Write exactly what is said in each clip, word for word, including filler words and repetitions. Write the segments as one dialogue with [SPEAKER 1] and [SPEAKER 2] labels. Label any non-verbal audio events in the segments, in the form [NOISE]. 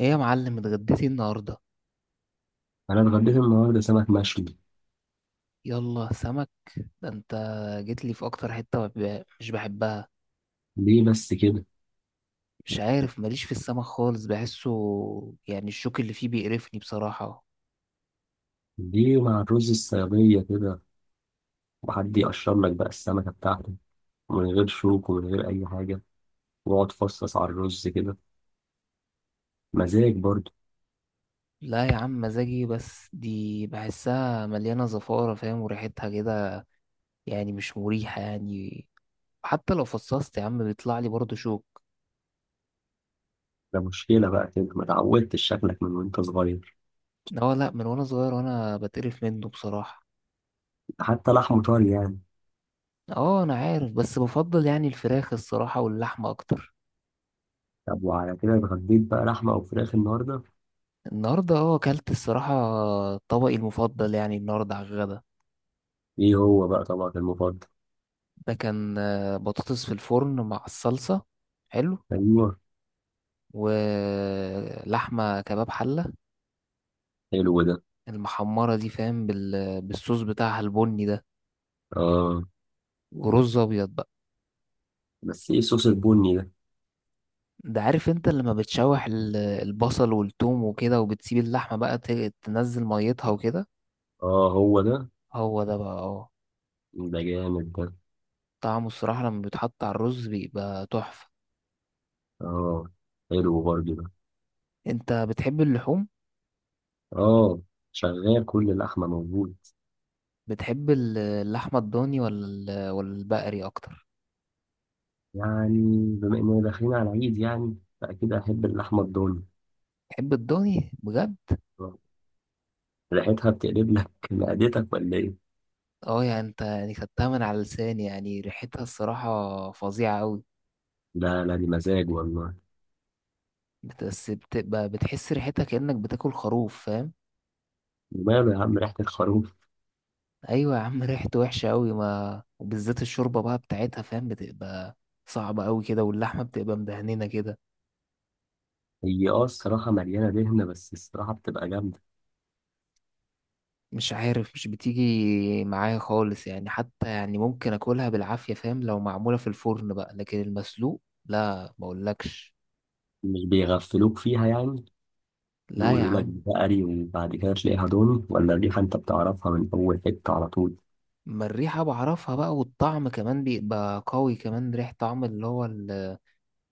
[SPEAKER 1] ايه يا معلم اتغديتي النهارده؟
[SPEAKER 2] انا اتغديت النهارده سمك مشوي.
[SPEAKER 1] يلا سمك. ده انت جيت لي في اكتر حته ما ب- مش بحبها.
[SPEAKER 2] ليه بس كده؟
[SPEAKER 1] مش عارف، ماليش في السمك خالص، بحسه، يعني الشوك اللي فيه بيقرفني بصراحه.
[SPEAKER 2] ليه مع الرز الصياديه كده، وحد يقشر لك بقى السمكه بتاعته من غير شوك ومن غير اي حاجه، واقعد فصص على الرز كده، مزاج برضه.
[SPEAKER 1] لا يا عم، مزاجي، بس دي بحسها مليانه زفاره، فاهم، وريحتها كده، يعني مش مريحه يعني. حتى لو فصصت يا عم بيطلع لي برضه شوك.
[SPEAKER 2] ده مشكله بقى كده، ما اتعودتش، شكلك من وانت صغير.
[SPEAKER 1] اه، لا، من وانا صغير وانا بتقرف منه بصراحه.
[SPEAKER 2] حتى لحمه طري يعني.
[SPEAKER 1] اه انا عارف، بس بفضل يعني الفراخ الصراحه واللحمه اكتر.
[SPEAKER 2] طب وعلى كده اتغديت بقى لحمه او فراخ النهارده؟
[SPEAKER 1] النهارده اه اكلت الصراحه طبقي المفضل يعني النهارده على الغدا.
[SPEAKER 2] ايه هو بقى طبقك المفضل؟
[SPEAKER 1] ده كان آه، بطاطس في الفرن مع الصلصه. حلو.
[SPEAKER 2] ايوه.
[SPEAKER 1] ولحمه كباب حله.
[SPEAKER 2] حلو ده.
[SPEAKER 1] المحمره دي، فاهم، بال... بالصوص بتاعها البني ده.
[SPEAKER 2] اه.
[SPEAKER 1] ورز ابيض بقى.
[SPEAKER 2] بس ايه الصوص البني ده؟
[SPEAKER 1] ده عارف انت لما بتشوح ال- البصل والثوم وكده، وبتسيب اللحمه بقى ت- تنزل ميتها وكده.
[SPEAKER 2] اه هو ده.
[SPEAKER 1] هو ده بقى اه.
[SPEAKER 2] ده جامد ده.
[SPEAKER 1] طعمه الصراحه لما بيتحط على الرز بيبقى تحفه.
[SPEAKER 2] اه. حلو برضه ده.
[SPEAKER 1] انت بتحب اللحوم؟
[SPEAKER 2] اه، شغال، كل اللحمة موجود.
[SPEAKER 1] بتحب ال- اللحمة الضاني ولا ال- ولا البقري أكتر؟
[SPEAKER 2] يعني بما إننا داخلين على العيد يعني فأكيد أحب اللحمة الضاني.
[SPEAKER 1] بتحب الضاني بجد؟
[SPEAKER 2] آه. ريحتها بتقلب لك [LAUGHS] معدتك ولا إيه؟
[SPEAKER 1] اه يعني انت يعني خدتها من على لساني، يعني ريحتها الصراحة فظيعة أوي.
[SPEAKER 2] لا لا، دي مزاج والله.
[SPEAKER 1] بت- بس بتبقى بتحس ريحتها كأنك بتاكل خروف، فاهم؟
[SPEAKER 2] وماله يا عم ريحة الخروف؟
[SPEAKER 1] أيوة يا عم [LAUGHS] ريحته وحشة أوي، ما وبالذات الشوربة بقى بتاعتها، فاهم، بتبقى صعبة أوي كده، واللحمة بتبقى مدهننة كده.
[SPEAKER 2] هي اه الصراحة مليانة دهنة، بس الصراحة بتبقى جامدة.
[SPEAKER 1] مش عارف، مش بتيجي معايا خالص يعني، حتى يعني ممكن أكلها بالعافية فاهم لو معمولة في الفرن بقى، لكن المسلوق لا مقولكش.
[SPEAKER 2] مش بيغفلوك فيها يعني؟
[SPEAKER 1] لا يا
[SPEAKER 2] يقولوا لك
[SPEAKER 1] عم.
[SPEAKER 2] بقري وبعد كده تلاقيها ضاني، ولا الريحة أنت بتعرفها من أول حتة على طول.
[SPEAKER 1] ما الريحة بعرفها بقى، والطعم كمان بيبقى قوي كمان، ريح طعم اللي هو ال-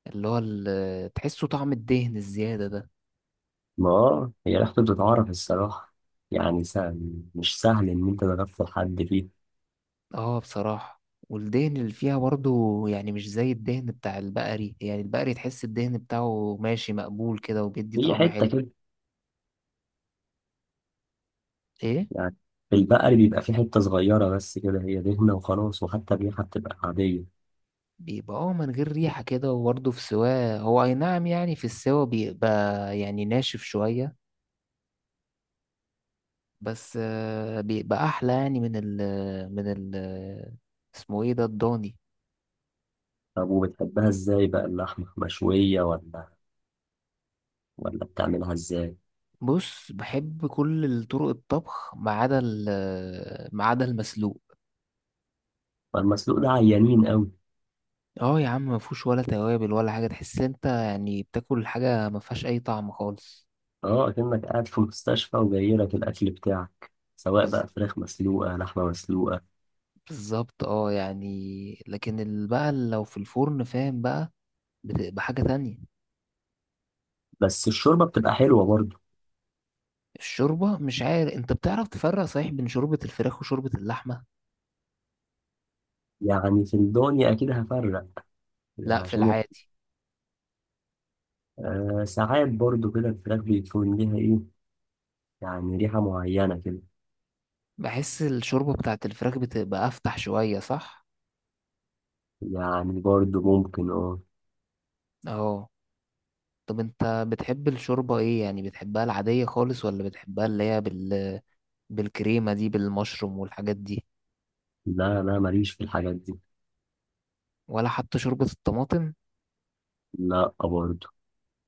[SPEAKER 1] اللي هو ال- تحسه طعم الدهن الزيادة ده.
[SPEAKER 2] ما آه، هي ريحته بتتعرف الصراحة. يعني سهل، مش سهل إن أنت تغفل حد فيها.
[SPEAKER 1] اه بصراحة. والدهن اللي فيها برضو يعني مش زي الدهن بتاع البقري، يعني البقري تحس الدهن بتاعه ماشي مقبول كده وبيدي
[SPEAKER 2] هي
[SPEAKER 1] طعم
[SPEAKER 2] حتة
[SPEAKER 1] حلو.
[SPEAKER 2] كده
[SPEAKER 1] ايه؟
[SPEAKER 2] يعني. البقري بيبقى فيه حتة صغيرة بس كده هي دهنة وخلاص، وحتى الريحة بتبقى عادية.
[SPEAKER 1] بيبقى اه من غير ريحة كده، وبرضه في سواه، هو اي نعم يعني في السوا بيبقى يعني ناشف شوية. بس آه، بيبقى احلى يعني من ال من ال اسمه ايه ده، الضاني.
[SPEAKER 2] طب وبتحبها ازاي بقى اللحمة؟ مشوية ولا ولا بتعملها ازاي؟
[SPEAKER 1] بص، بحب كل طرق الطبخ ما عدا ال- ما عدا المسلوق.
[SPEAKER 2] فالمسلوق ده عيانين قوي.
[SPEAKER 1] اه يا عم، ما فيهوش ولا توابل ولا حاجه، تحس انت يعني بتاكل حاجه ما فيهاش اي طعم خالص.
[SPEAKER 2] اه، كأنك قاعد في مستشفى وجاي لك الأكل بتاعك، سواء
[SPEAKER 1] بز...
[SPEAKER 2] بقى فراخ مسلوقة لحمة مسلوقة.
[SPEAKER 1] بالظبط، اه يعني، لكن ال- بقى لو في الفرن فاهم بقى بتبقى حاجه تانية.
[SPEAKER 2] بس الشوربة بتبقى حلوة برضه.
[SPEAKER 1] الشوربه، مش عارف انت بتعرف تفرق صحيح بين شوربه الفراخ وشوربه اللحمه؟
[SPEAKER 2] يعني في الدنيا أكيد هفرق.
[SPEAKER 1] لا،
[SPEAKER 2] يعني
[SPEAKER 1] في
[SPEAKER 2] عشان يبقى.
[SPEAKER 1] العادي.
[SPEAKER 2] آه، ساعات برضه كده الفراخ بيكون ليها إيه، يعني ريحة معينة كده.
[SPEAKER 1] بحس الشوربه بتاعت الفراخ بتبقى افتح شويه، صح؟
[SPEAKER 2] يعني برضه ممكن اه.
[SPEAKER 1] اه. طب انت بتحب الشوربة ايه يعني، بتحبها العادية خالص، ولا بتحبها اللي هي بال... بالكريمة دي، بالمشروم والحاجات دي؟
[SPEAKER 2] لا لا، ماليش في الحاجات دي.
[SPEAKER 1] ولا حتى شوربة الطماطم؟
[SPEAKER 2] لا برضه.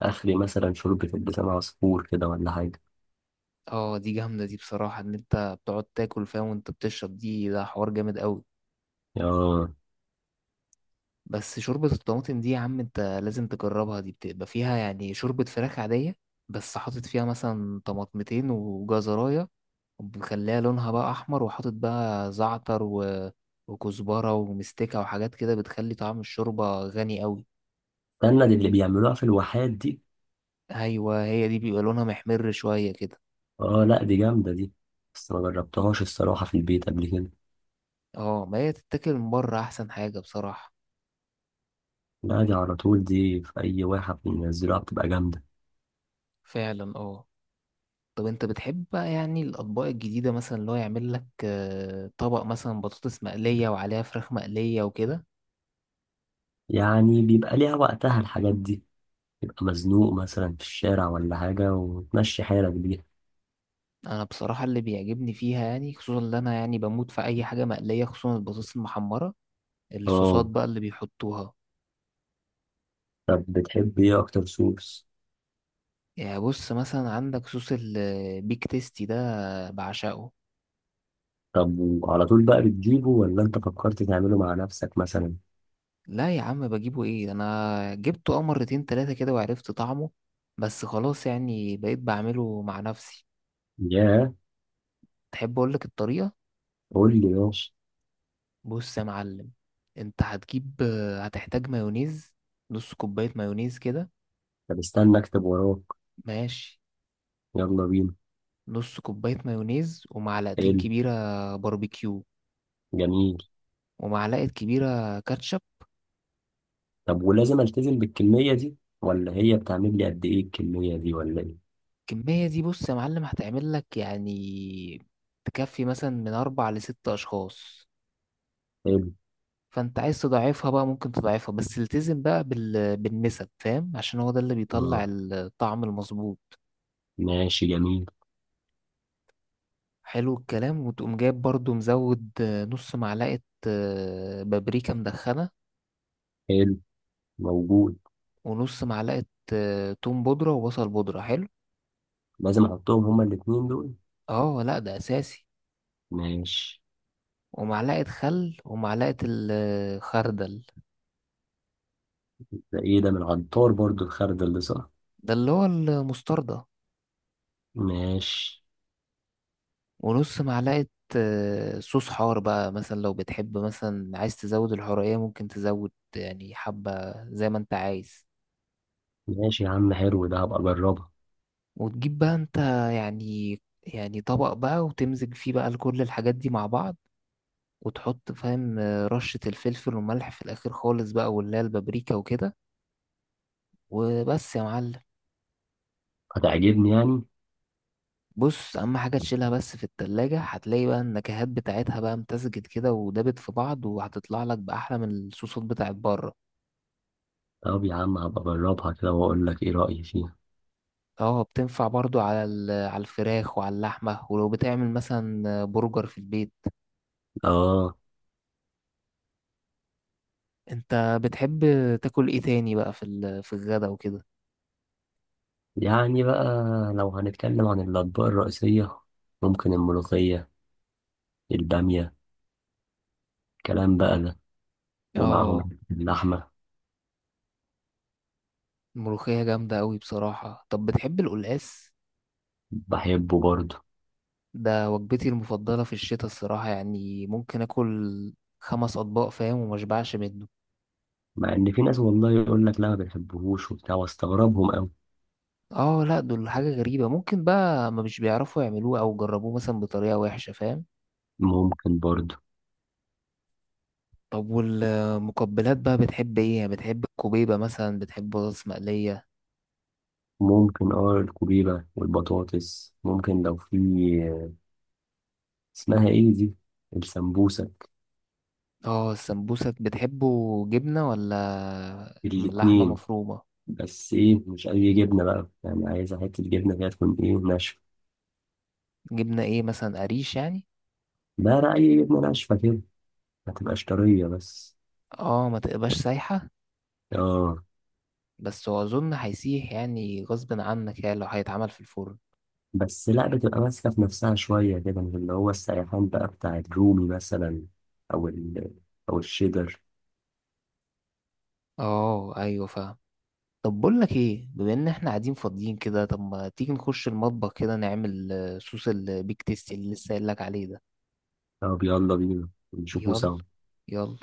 [SPEAKER 2] اخري مثلا شوربة اللسان عصفور كده ولا حاجة.
[SPEAKER 1] اه، دي جامدة دي بصراحة، ان انت بتقعد تاكل فيها وانت بتشرب دي، ده حوار جامد قوي.
[SPEAKER 2] اه.
[SPEAKER 1] بس شوربة الطماطم دي يا عم انت لازم تجربها، دي بتبقى فيها يعني شوربة فراخ عادية، بس حاطط فيها مثلا طماطمتين وجزراية، ومخليها لونها بقى احمر، وحاطط بقى زعتر و... وكزبرة ومستكة وحاجات كده، بتخلي طعم الشوربة غني قوي.
[SPEAKER 2] استنى، دي اللي بيعملوها في الواحات دي.
[SPEAKER 1] ايوه، هي دي بيبقى لونها محمر شويه كده.
[SPEAKER 2] اه لا، دي جامدة دي، بس ما جربتهاش الصراحة في البيت قبل كده.
[SPEAKER 1] اه، ما هي تتاكل من بره احسن حاجه بصراحه.
[SPEAKER 2] لا، دي على طول، دي في أي واحد بينزلوها بتبقى جامدة.
[SPEAKER 1] فعلا، اه. طب انت بتحب بقى يعني الاطباق الجديده، مثلا اللي هو يعمل لك آه، طبق مثلا بطاطس مقليه وعليها فراخ مقليه وكده؟
[SPEAKER 2] يعني بيبقى ليها وقتها الحاجات دي، تبقى مزنوق مثلا في الشارع ولا حاجة وتمشي حالك بيها.
[SPEAKER 1] انا بصراحه اللي بيعجبني فيها يعني خصوصا، اللي انا يعني بموت في اي حاجه مقليه، خصوصا البطاطس المحمره، الصوصات
[SPEAKER 2] اه.
[SPEAKER 1] بقى اللي بيحطوها.
[SPEAKER 2] طب بتحب ايه أكتر صوص؟
[SPEAKER 1] يعني بص مثلا عندك صوص البيك تيستي ده، بعشقه.
[SPEAKER 2] طب وعلى طول بقى بتجيبه ولا أنت فكرت تعمله مع نفسك مثلا؟
[SPEAKER 1] لا يا عم بجيبه ايه، انا جبته اه مرتين تلاتة كده وعرفت طعمه، بس خلاص يعني بقيت بعمله مع نفسي.
[SPEAKER 2] ياه.
[SPEAKER 1] تحب اقولك الطريقة؟
[SPEAKER 2] قول لي ماشي.
[SPEAKER 1] بص يا معلم، انت هتجيب، هتحتاج مايونيز. نص كوباية مايونيز كده.
[SPEAKER 2] طب استنى اكتب وراك.
[SPEAKER 1] ماشي.
[SPEAKER 2] يلا بينا.
[SPEAKER 1] نص كوباية مايونيز ومعلقتين
[SPEAKER 2] حلو.
[SPEAKER 1] كبيرة باربيكيو،
[SPEAKER 2] جميل.
[SPEAKER 1] ومعلقة كبيرة كاتشب.
[SPEAKER 2] طب ولازم التزم بالكمية دي؟ ولا هي بتعمل لي قد ايه الكمية دي ولا ايه؟
[SPEAKER 1] الكمية دي بص يا معلم هتعمل لك يعني، تكفي مثلا من أربع لست أشخاص.
[SPEAKER 2] حلو.
[SPEAKER 1] فانت عايز تضعفها بقى ممكن تضعفها، بس التزم بقى بال... بالنسب، فاهم، عشان هو ده اللي بيطلع
[SPEAKER 2] اه،
[SPEAKER 1] الطعم المظبوط.
[SPEAKER 2] ماشي، جميل.
[SPEAKER 1] حلو الكلام. وتقوم جايب برضو مزود آه، نص معلقة آه، بابريكا مدخنة،
[SPEAKER 2] حلو. موجود.
[SPEAKER 1] ونص معلقة آه، توم بودرة وبصل بودرة. حلو.
[SPEAKER 2] لازم احطهم هما الاتنين دول؟
[SPEAKER 1] اه لا ده اساسي.
[SPEAKER 2] ماشي.
[SPEAKER 1] ومعلقة خل ومعلقة الخردل.
[SPEAKER 2] ده ايه ده؟ من العطار برضو الخرد اللي صح؟
[SPEAKER 1] ده اللي هو المستردة.
[SPEAKER 2] ماشي.
[SPEAKER 1] ونص معلقة آه، صوص حار بقى، مثلا لو بتحب مثلا عايز تزود الحرقية ممكن تزود يعني حبة زي ما انت عايز.
[SPEAKER 2] ماشي يا عم، حلو ده، هبقى اجربها.
[SPEAKER 1] وتجيب بقى انت يعني يعني طبق بقى، وتمزج فيه بقى كل الحاجات دي مع بعض. وتحط، فاهم، آه، رشة الفلفل والملح في الآخر خالص بقى، واللي هي البابريكا وكده. وبس يا معلم.
[SPEAKER 2] هتعجبني يعني؟
[SPEAKER 1] بص، أهم حاجة تشيلها بس في التلاجة، هتلاقي بقى النكهات بتاعتها بقى امتزجت كده ودابت في بعض، وهتطلع لك بأحلى من الصوصات بتاعت بره.
[SPEAKER 2] طب يا عم هبقى اجربها كده واقول لك ايه رأيي فيها.
[SPEAKER 1] اه، بتنفع برضو على ال- على الفراخ وعلى اللحمة، ولو بتعمل مثلا برجر في البيت.
[SPEAKER 2] اه.
[SPEAKER 1] انت بتحب تاكل ايه تاني بقى في ال- في الغدا وكده؟
[SPEAKER 2] يعني بقى لو هنتكلم عن الأطباق الرئيسية، ممكن الملوخية، البامية، الكلام بقى ده.
[SPEAKER 1] اه،
[SPEAKER 2] ومعاهم اللحمة.
[SPEAKER 1] الملوخية جامدة قوي بصراحة. طب بتحب القلقاس؟
[SPEAKER 2] بحبه برضه.
[SPEAKER 1] ده وجبتي المفضلة في الشتاء الصراحة، يعني ممكن اكل خمس اطباق فاهم ومشبعش منه.
[SPEAKER 2] مع إن في ناس والله يقول لك لا ما بيحبوهوش وبتاع، واستغربهم أوي.
[SPEAKER 1] اه لا، دول حاجة غريبة، ممكن بقى ما مش بيعرفوا يعملوه، او جربوه مثلا بطريقة وحشة فاهم.
[SPEAKER 2] ممكن برضه.
[SPEAKER 1] طب والمقبلات بقى بتحب ايه، يعني بتحب الكوبيبة مثلا، بتحب بطاطس مقلية؟
[SPEAKER 2] ممكن اه، الكوبيبة والبطاطس، ممكن. لو في اسمها ايه دي، السمبوسك.
[SPEAKER 1] اه، السمبوسة بتحبه جبنة ولا لحمة
[SPEAKER 2] الاتنين.
[SPEAKER 1] مفرومة؟
[SPEAKER 2] بس ايه، مش أي جبنة بقى، يعني عايزة حتة جبنة كده تكون ايه، ناشفة.
[SPEAKER 1] جبنة ايه مثلا، قريش يعني؟
[SPEAKER 2] لا لا، أي جبنة ناشفة كده، ما تبقاش طرية بس.
[SPEAKER 1] اه، ما تبقاش سايحة.
[SPEAKER 2] اه.
[SPEAKER 1] بس هو اظن هيسيح يعني غصب عنك يعني، لو هيتعمل في الفرن.
[SPEAKER 2] بس لا، بتبقى ماسكة في نفسها شوية كده، مش اللي هو السيحان بقى بتاع الرومي مثلا، أو ال، أو الشيدر.
[SPEAKER 1] اه ايوه فاهم. طب بقول لك ايه، بما ان احنا قاعدين فاضيين كده، طب ما تيجي نخش المطبخ كده نعمل آه، صوص البيك تيستي اللي لسه قايل لك عليه ده؟
[SPEAKER 2] طب يلا بينا نشوفه
[SPEAKER 1] يلا،
[SPEAKER 2] سوا.
[SPEAKER 1] يلا.